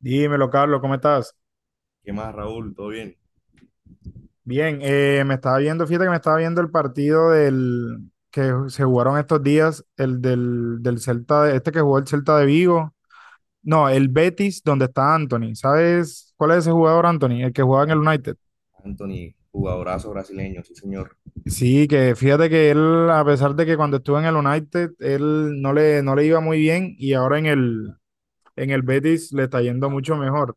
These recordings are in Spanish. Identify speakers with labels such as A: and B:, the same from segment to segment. A: Dímelo, Carlos, ¿cómo estás?
B: ¿Qué más, Raúl? ¿Todo bien?
A: Bien, me estaba viendo, fíjate que me estaba viendo el partido del que se jugaron estos días, el del Celta, este que jugó el Celta de Vigo, no, el Betis, donde está Anthony. ¿Sabes cuál es ese jugador, Anthony? El que jugaba en el
B: Eh,
A: United.
B: Anthony, jugadorazo brasileño, sí, señor.
A: Sí, que fíjate que él, a pesar de que cuando estuvo en el United, él no le iba muy bien y ahora en el Betis le está yendo mucho mejor.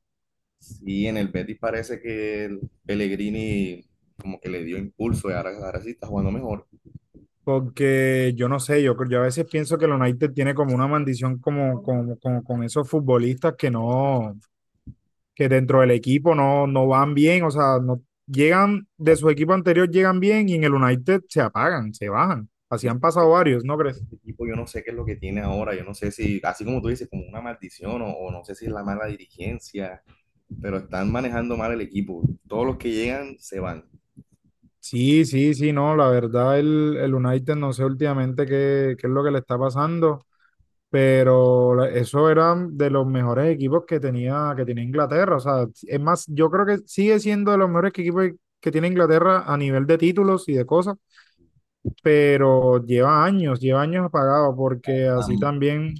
B: Sí, en el Betis parece que el Pellegrini como que le dio impulso y ahora, ahora sí está jugando mejor.
A: Porque yo no sé, yo a veces pienso que el United tiene como una maldición como con esos futbolistas que no, que dentro del equipo no van bien, o sea, no llegan de su equipo anterior, llegan bien y en el United se apagan, se bajan. Así
B: Es
A: han
B: que
A: pasado varios, ¿no crees?
B: Este equipo yo no sé qué es lo que tiene ahora, yo no sé si, así como tú dices, como una maldición o no sé si es la mala dirigencia, pero están manejando mal el equipo. Todos los que llegan se van.
A: Sí, sí, sí, no, la verdad el United no sé últimamente qué es lo que le está pasando. Pero eso eran de los mejores equipos que tenía, Inglaterra. O sea, es más, yo creo que sigue siendo de los mejores equipos que tiene Inglaterra a nivel de títulos y de cosas, pero lleva años apagado, porque así también,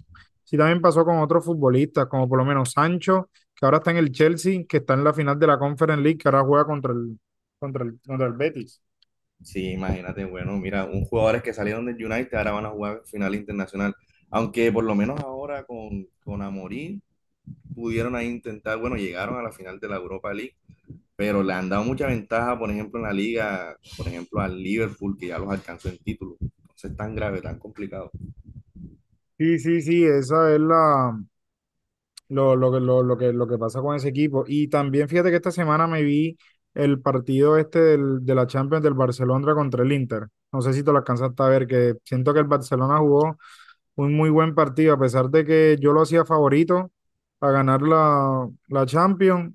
A: sí también pasó con otros futbolistas, como por lo menos Sancho, que ahora está en el Chelsea, que está en la final de la Conference League, que ahora juega contra el, contra el Betis.
B: Sí, imagínate, bueno, mira, un jugadores que salieron del United ahora van a jugar final internacional. Aunque por lo menos ahora con Amorim pudieron ahí intentar, bueno, llegaron a la final de la Europa League, pero le han dado mucha ventaja, por ejemplo, en la liga, por ejemplo, al Liverpool, que ya los alcanzó en título. Entonces, tan grave, tan complicado.
A: Sí, sí, sí, esa es la, lo que pasa con ese equipo. Y también fíjate que esta semana me vi el partido este de la Champions del Barcelona contra el Inter. No sé si te lo alcanzaste a ver, que siento que el Barcelona jugó un muy buen partido, a pesar de que yo lo hacía favorito a ganar la Champions,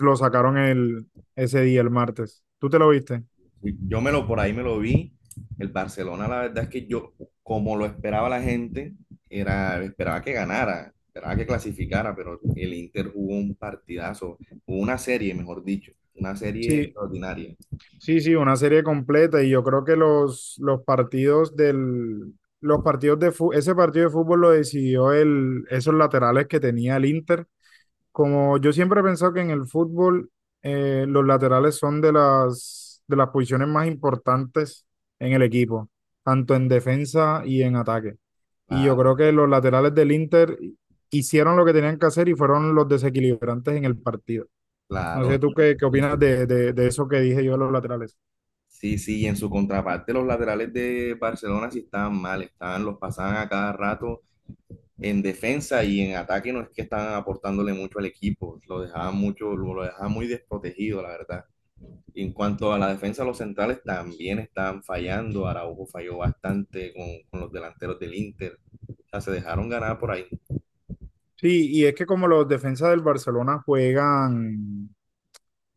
A: lo sacaron ese día, el martes. ¿Tú te lo viste?
B: Yo me lo vi. El Barcelona, la verdad es que yo, como lo esperaba la gente, era, esperaba que ganara, esperaba que clasificara, pero el Inter jugó un partidazo, jugó una serie, mejor dicho, una serie
A: Sí,
B: extraordinaria.
A: sí, sí, una serie completa y yo creo que los partidos ese partido de fútbol lo decidió esos laterales que tenía el Inter. Como yo siempre he pensado que en el fútbol los laterales son de las posiciones más importantes en el equipo, tanto en defensa y en ataque. Y yo
B: Claro,
A: creo que los laterales del Inter hicieron lo que tenían que hacer y fueron los desequilibrantes en el partido. No
B: claro.
A: sé tú qué
B: En
A: opinas
B: su-
A: de eso que dije yo de los laterales.
B: sí, sí, y en su contraparte, los laterales de Barcelona sí estaban mal, estaban, los pasaban a cada rato en defensa y en ataque no es que estaban aportándole mucho al equipo, lo dejaban mucho, lo dejaban muy desprotegido, la verdad. En cuanto a la defensa, los centrales también están fallando. Araujo falló bastante con los delanteros del Inter. O sea, se dejaron ganar por ahí.
A: Sí, y es que como los defensas del Barcelona juegan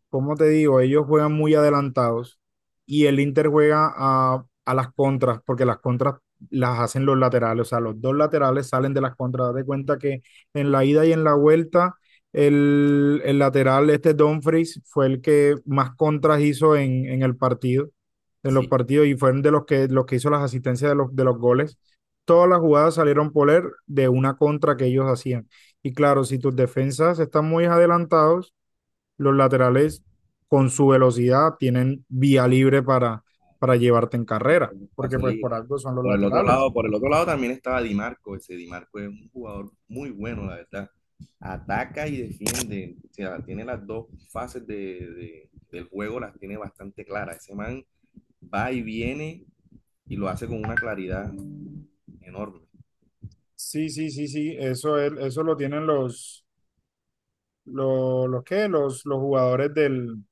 A: como te digo, ellos juegan muy adelantados y el Inter juega a las contras, porque las contras las hacen los laterales, o sea, los dos laterales salen de las contras. Date cuenta que en la ida y en la vuelta, el lateral, este Dumfries, fue el que más contras hizo en el partido, en los
B: Sí,
A: partidos, y fueron de los que hizo las asistencias de los goles. Todas las jugadas salieron por él de una contra que ellos hacían. Y claro, si tus defensas están muy adelantados, los laterales con su velocidad tienen vía libre para llevarte en
B: en
A: carrera,
B: un
A: porque
B: espacio
A: pues por
B: libre.
A: algo son los
B: Por el otro
A: laterales.
B: lado, por el otro lado también estaba Di Marco. Ese Di Marco es un jugador muy bueno, la verdad. Ataca y defiende. O sea, tiene las dos fases del juego, las tiene bastante claras. Ese man va y viene y lo hace con una claridad enorme.
A: Sí, sí, sí, sí, eso, es, eso lo tienen los jugadores del,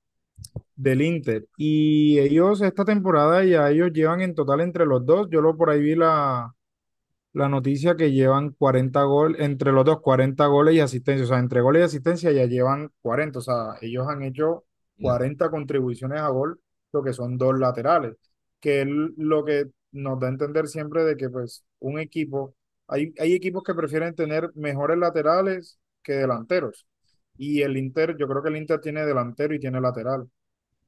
A: del Inter. Y ellos esta temporada ya ellos llevan en total entre los dos, yo lo por ahí vi la noticia que llevan 40 goles, entre los dos 40 goles y asistencia, o sea, entre goles y asistencia ya llevan 40, o sea, ellos han hecho
B: Mira,
A: 40 contribuciones a gol, lo que son dos laterales, que es lo que nos da a entender siempre de que pues un equipo, hay equipos que prefieren tener mejores laterales que delanteros, y el Inter, yo creo que el Inter tiene delantero y tiene lateral,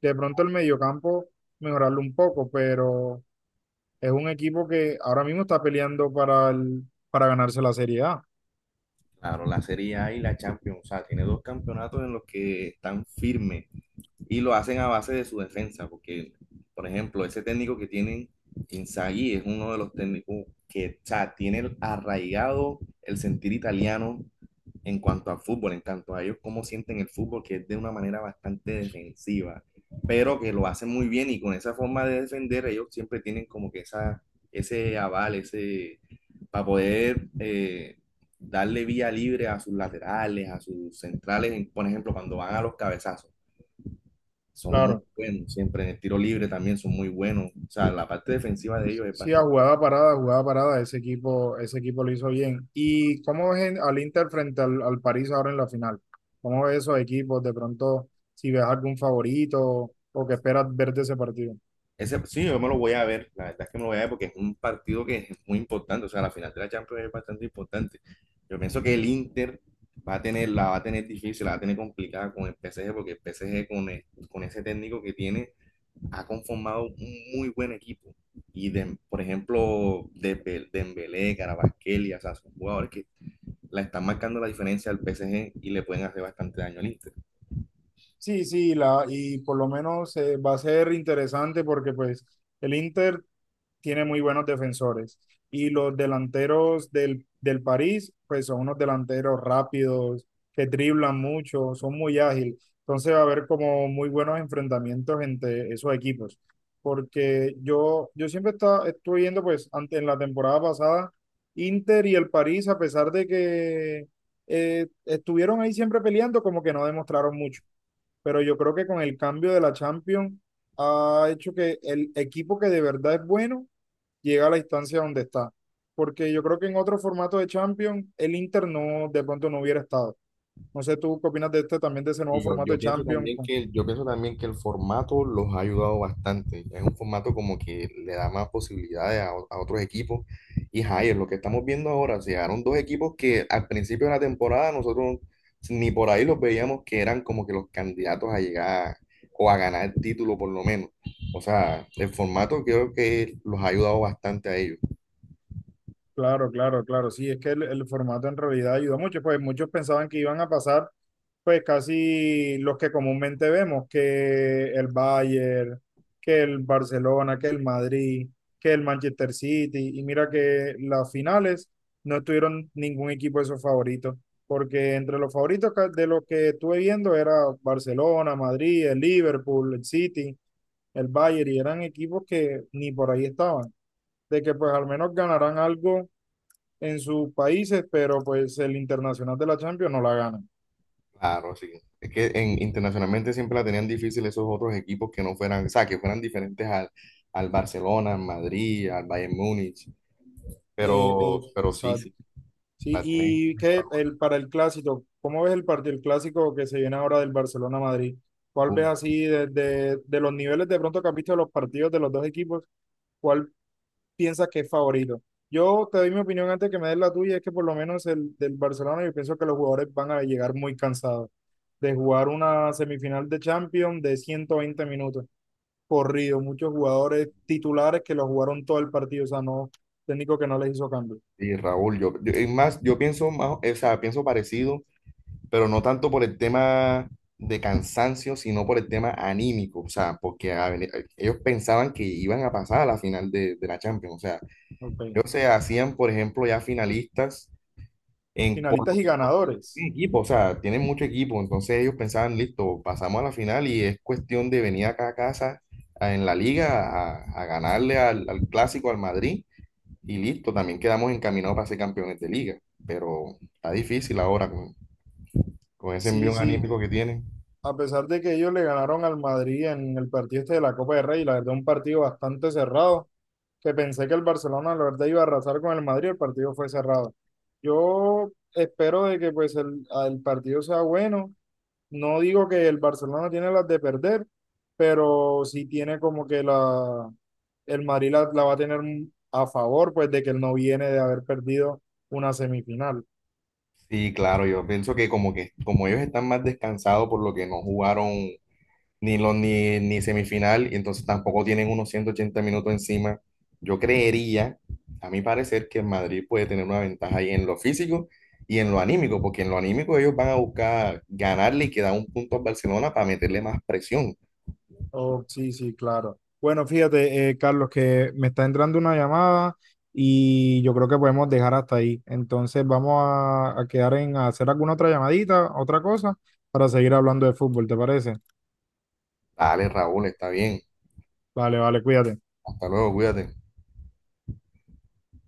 A: de pronto el mediocampo mejorarlo un poco, pero es un equipo que ahora mismo está peleando para, para ganarse la Serie A.
B: claro, la Serie A y la Champions, o sea, tiene dos campeonatos en los que están firmes y lo hacen a base de su defensa, porque, por ejemplo, ese técnico que tienen Inzaghi es uno de los técnicos que o sea, tiene arraigado el sentir italiano en cuanto al fútbol, en cuanto a ellos cómo sienten el fútbol, que es de una manera bastante defensiva, pero que lo hacen muy bien y con esa forma de defender ellos siempre tienen como que esa, ese aval, ese, para poder darle vía libre a sus laterales, a sus centrales, por ejemplo, cuando van a los cabezazos. Son muy
A: Claro,
B: buenos siempre. En el tiro libre también son muy buenos. O sea, la parte defensiva de ellos es
A: sí,
B: bastante.
A: a jugada parada, ese equipo lo hizo bien. ¿Y cómo ves al Inter frente al París ahora en la final? ¿Cómo ves esos equipos? De pronto, si ves algún favorito o que esperas ver de ese partido.
B: Ese, sí, yo me lo voy a ver. La verdad es que me lo voy a ver porque es un partido que es muy importante. O sea, la final de la Champions es bastante importante. Yo pienso que el Inter va a tener, la va a tener difícil, la va a tener complicada con el PSG porque el PSG con ese técnico que tiene ha conformado un muy buen equipo. Y de, por ejemplo, Dembélé, Kvaratskhelia, o sea, son jugadores que la están marcando la diferencia al PSG y le pueden hacer bastante daño al Inter.
A: Sí, sí, la, y por lo menos va a ser interesante porque pues el Inter tiene muy buenos defensores. Y los delanteros del París, pues son unos delanteros rápidos, que driblan mucho, son muy ágiles. Entonces va a haber como muy buenos enfrentamientos entre esos equipos. Porque yo siempre estuve viendo, pues, en la temporada pasada, Inter y el París, a pesar de que estuvieron ahí siempre peleando, como que no demostraron mucho. Pero yo creo que con el cambio de la Champions ha hecho que el equipo que de verdad es bueno llega a la instancia donde está. Porque yo creo que en otro formato de Champions, el Inter no, de pronto no hubiera estado. No sé tú qué opinas de este también, de ese nuevo
B: Y yo,
A: formato de
B: yo pienso
A: Champions.
B: también que, yo pienso también que el formato los ha ayudado bastante. Es un formato como que le da más posibilidades a otros equipos. Y Jair, lo que estamos viendo ahora, se llegaron dos equipos que al principio de la temporada nosotros ni por ahí los veíamos que eran como que los candidatos a llegar o a ganar el título por lo menos. O sea, el formato creo que los ha ayudado bastante a ellos.
A: Claro, claro, claro. Sí, es que el formato en realidad ayudó mucho. Pues muchos pensaban que iban a pasar, pues casi los que comúnmente vemos, que el Bayern, que el Barcelona, que el Madrid, que el Manchester City. Y mira que las finales no estuvieron ningún equipo de sus favoritos, porque entre los favoritos de los que estuve viendo era Barcelona, Madrid, el Liverpool, el City, el Bayern, y eran equipos que ni por ahí estaban, de que pues al menos ganarán algo en sus países, pero pues el internacional de la Champions no la gana.
B: Claro, sí. Es que en, internacionalmente siempre la tenían difícil esos otros equipos que no fueran, o sea, que fueran diferentes al, al Barcelona, al Madrid, al Bayern Múnich, pero sí,
A: Exacto.
B: sí,
A: Sí,
B: la tienen
A: y qué
B: mejorada.
A: para el clásico, ¿cómo ves el partido, el clásico que se viene ahora del Barcelona-Madrid? ¿Cuál ves así desde de los niveles de pronto que has visto de los partidos de los dos equipos? ¿Cuál piensas que es favorito? Yo te doy mi opinión antes que me des la tuya, es que por lo menos el del Barcelona, yo pienso que los jugadores van a llegar muy cansados de jugar una semifinal de Champions de 120 minutos corrido, muchos jugadores titulares que lo jugaron todo el partido, o sea, no, técnico que no les hizo cambio.
B: Sí, Raúl, es más, yo pienso más, o sea, pienso parecido, pero no tanto por el tema de cansancio, sino por el tema anímico, o sea, porque a ver, ellos pensaban que iban a pasar a la final de la Champions, o sea,
A: Ok.
B: ellos se hacían, por ejemplo, ya finalistas en por
A: Finalistas y ganadores.
B: tiene equipo, o sea, tienen mucho equipo, entonces ellos pensaban, listo, pasamos a la final y es cuestión de venir acá a casa a- en la liga a ganarle al, al clásico, al Madrid, y listo, también quedamos encaminados para ser campeones de liga, pero está difícil ahora con ese
A: Sí,
B: envío
A: sí,
B: anímico que tienen.
A: a pesar de que ellos le ganaron al Madrid en el partido este de la Copa del Rey, la verdad, un partido bastante cerrado, que pensé que el Barcelona, la verdad, iba a arrasar con el Madrid, el partido fue cerrado. Yo espero de que pues el partido sea bueno. No digo que el Barcelona tiene las de perder, pero sí tiene como que la, el Madrid la va a tener a favor, pues de que él no viene de haber perdido una semifinal.
B: Sí, claro, yo pienso que como ellos están más descansados por lo que no jugaron ni, los, ni, ni semifinal, y entonces tampoco tienen unos 180 minutos encima. Yo creería, a mi parecer, que el Madrid puede tener una ventaja ahí en lo físico y en lo anímico, porque en lo anímico ellos van a buscar ganarle y quedar un punto a Barcelona para meterle más presión.
A: Oh, sí, sí, claro. Bueno, fíjate, Carlos, que me está entrando una llamada y yo creo que podemos dejar hasta ahí. Entonces vamos a quedar en hacer alguna otra llamadita, otra cosa, para seguir hablando de fútbol, ¿te parece?
B: Dale, Raúl, está bien.
A: Vale, vale, cuídate.
B: Hasta luego, cuídate.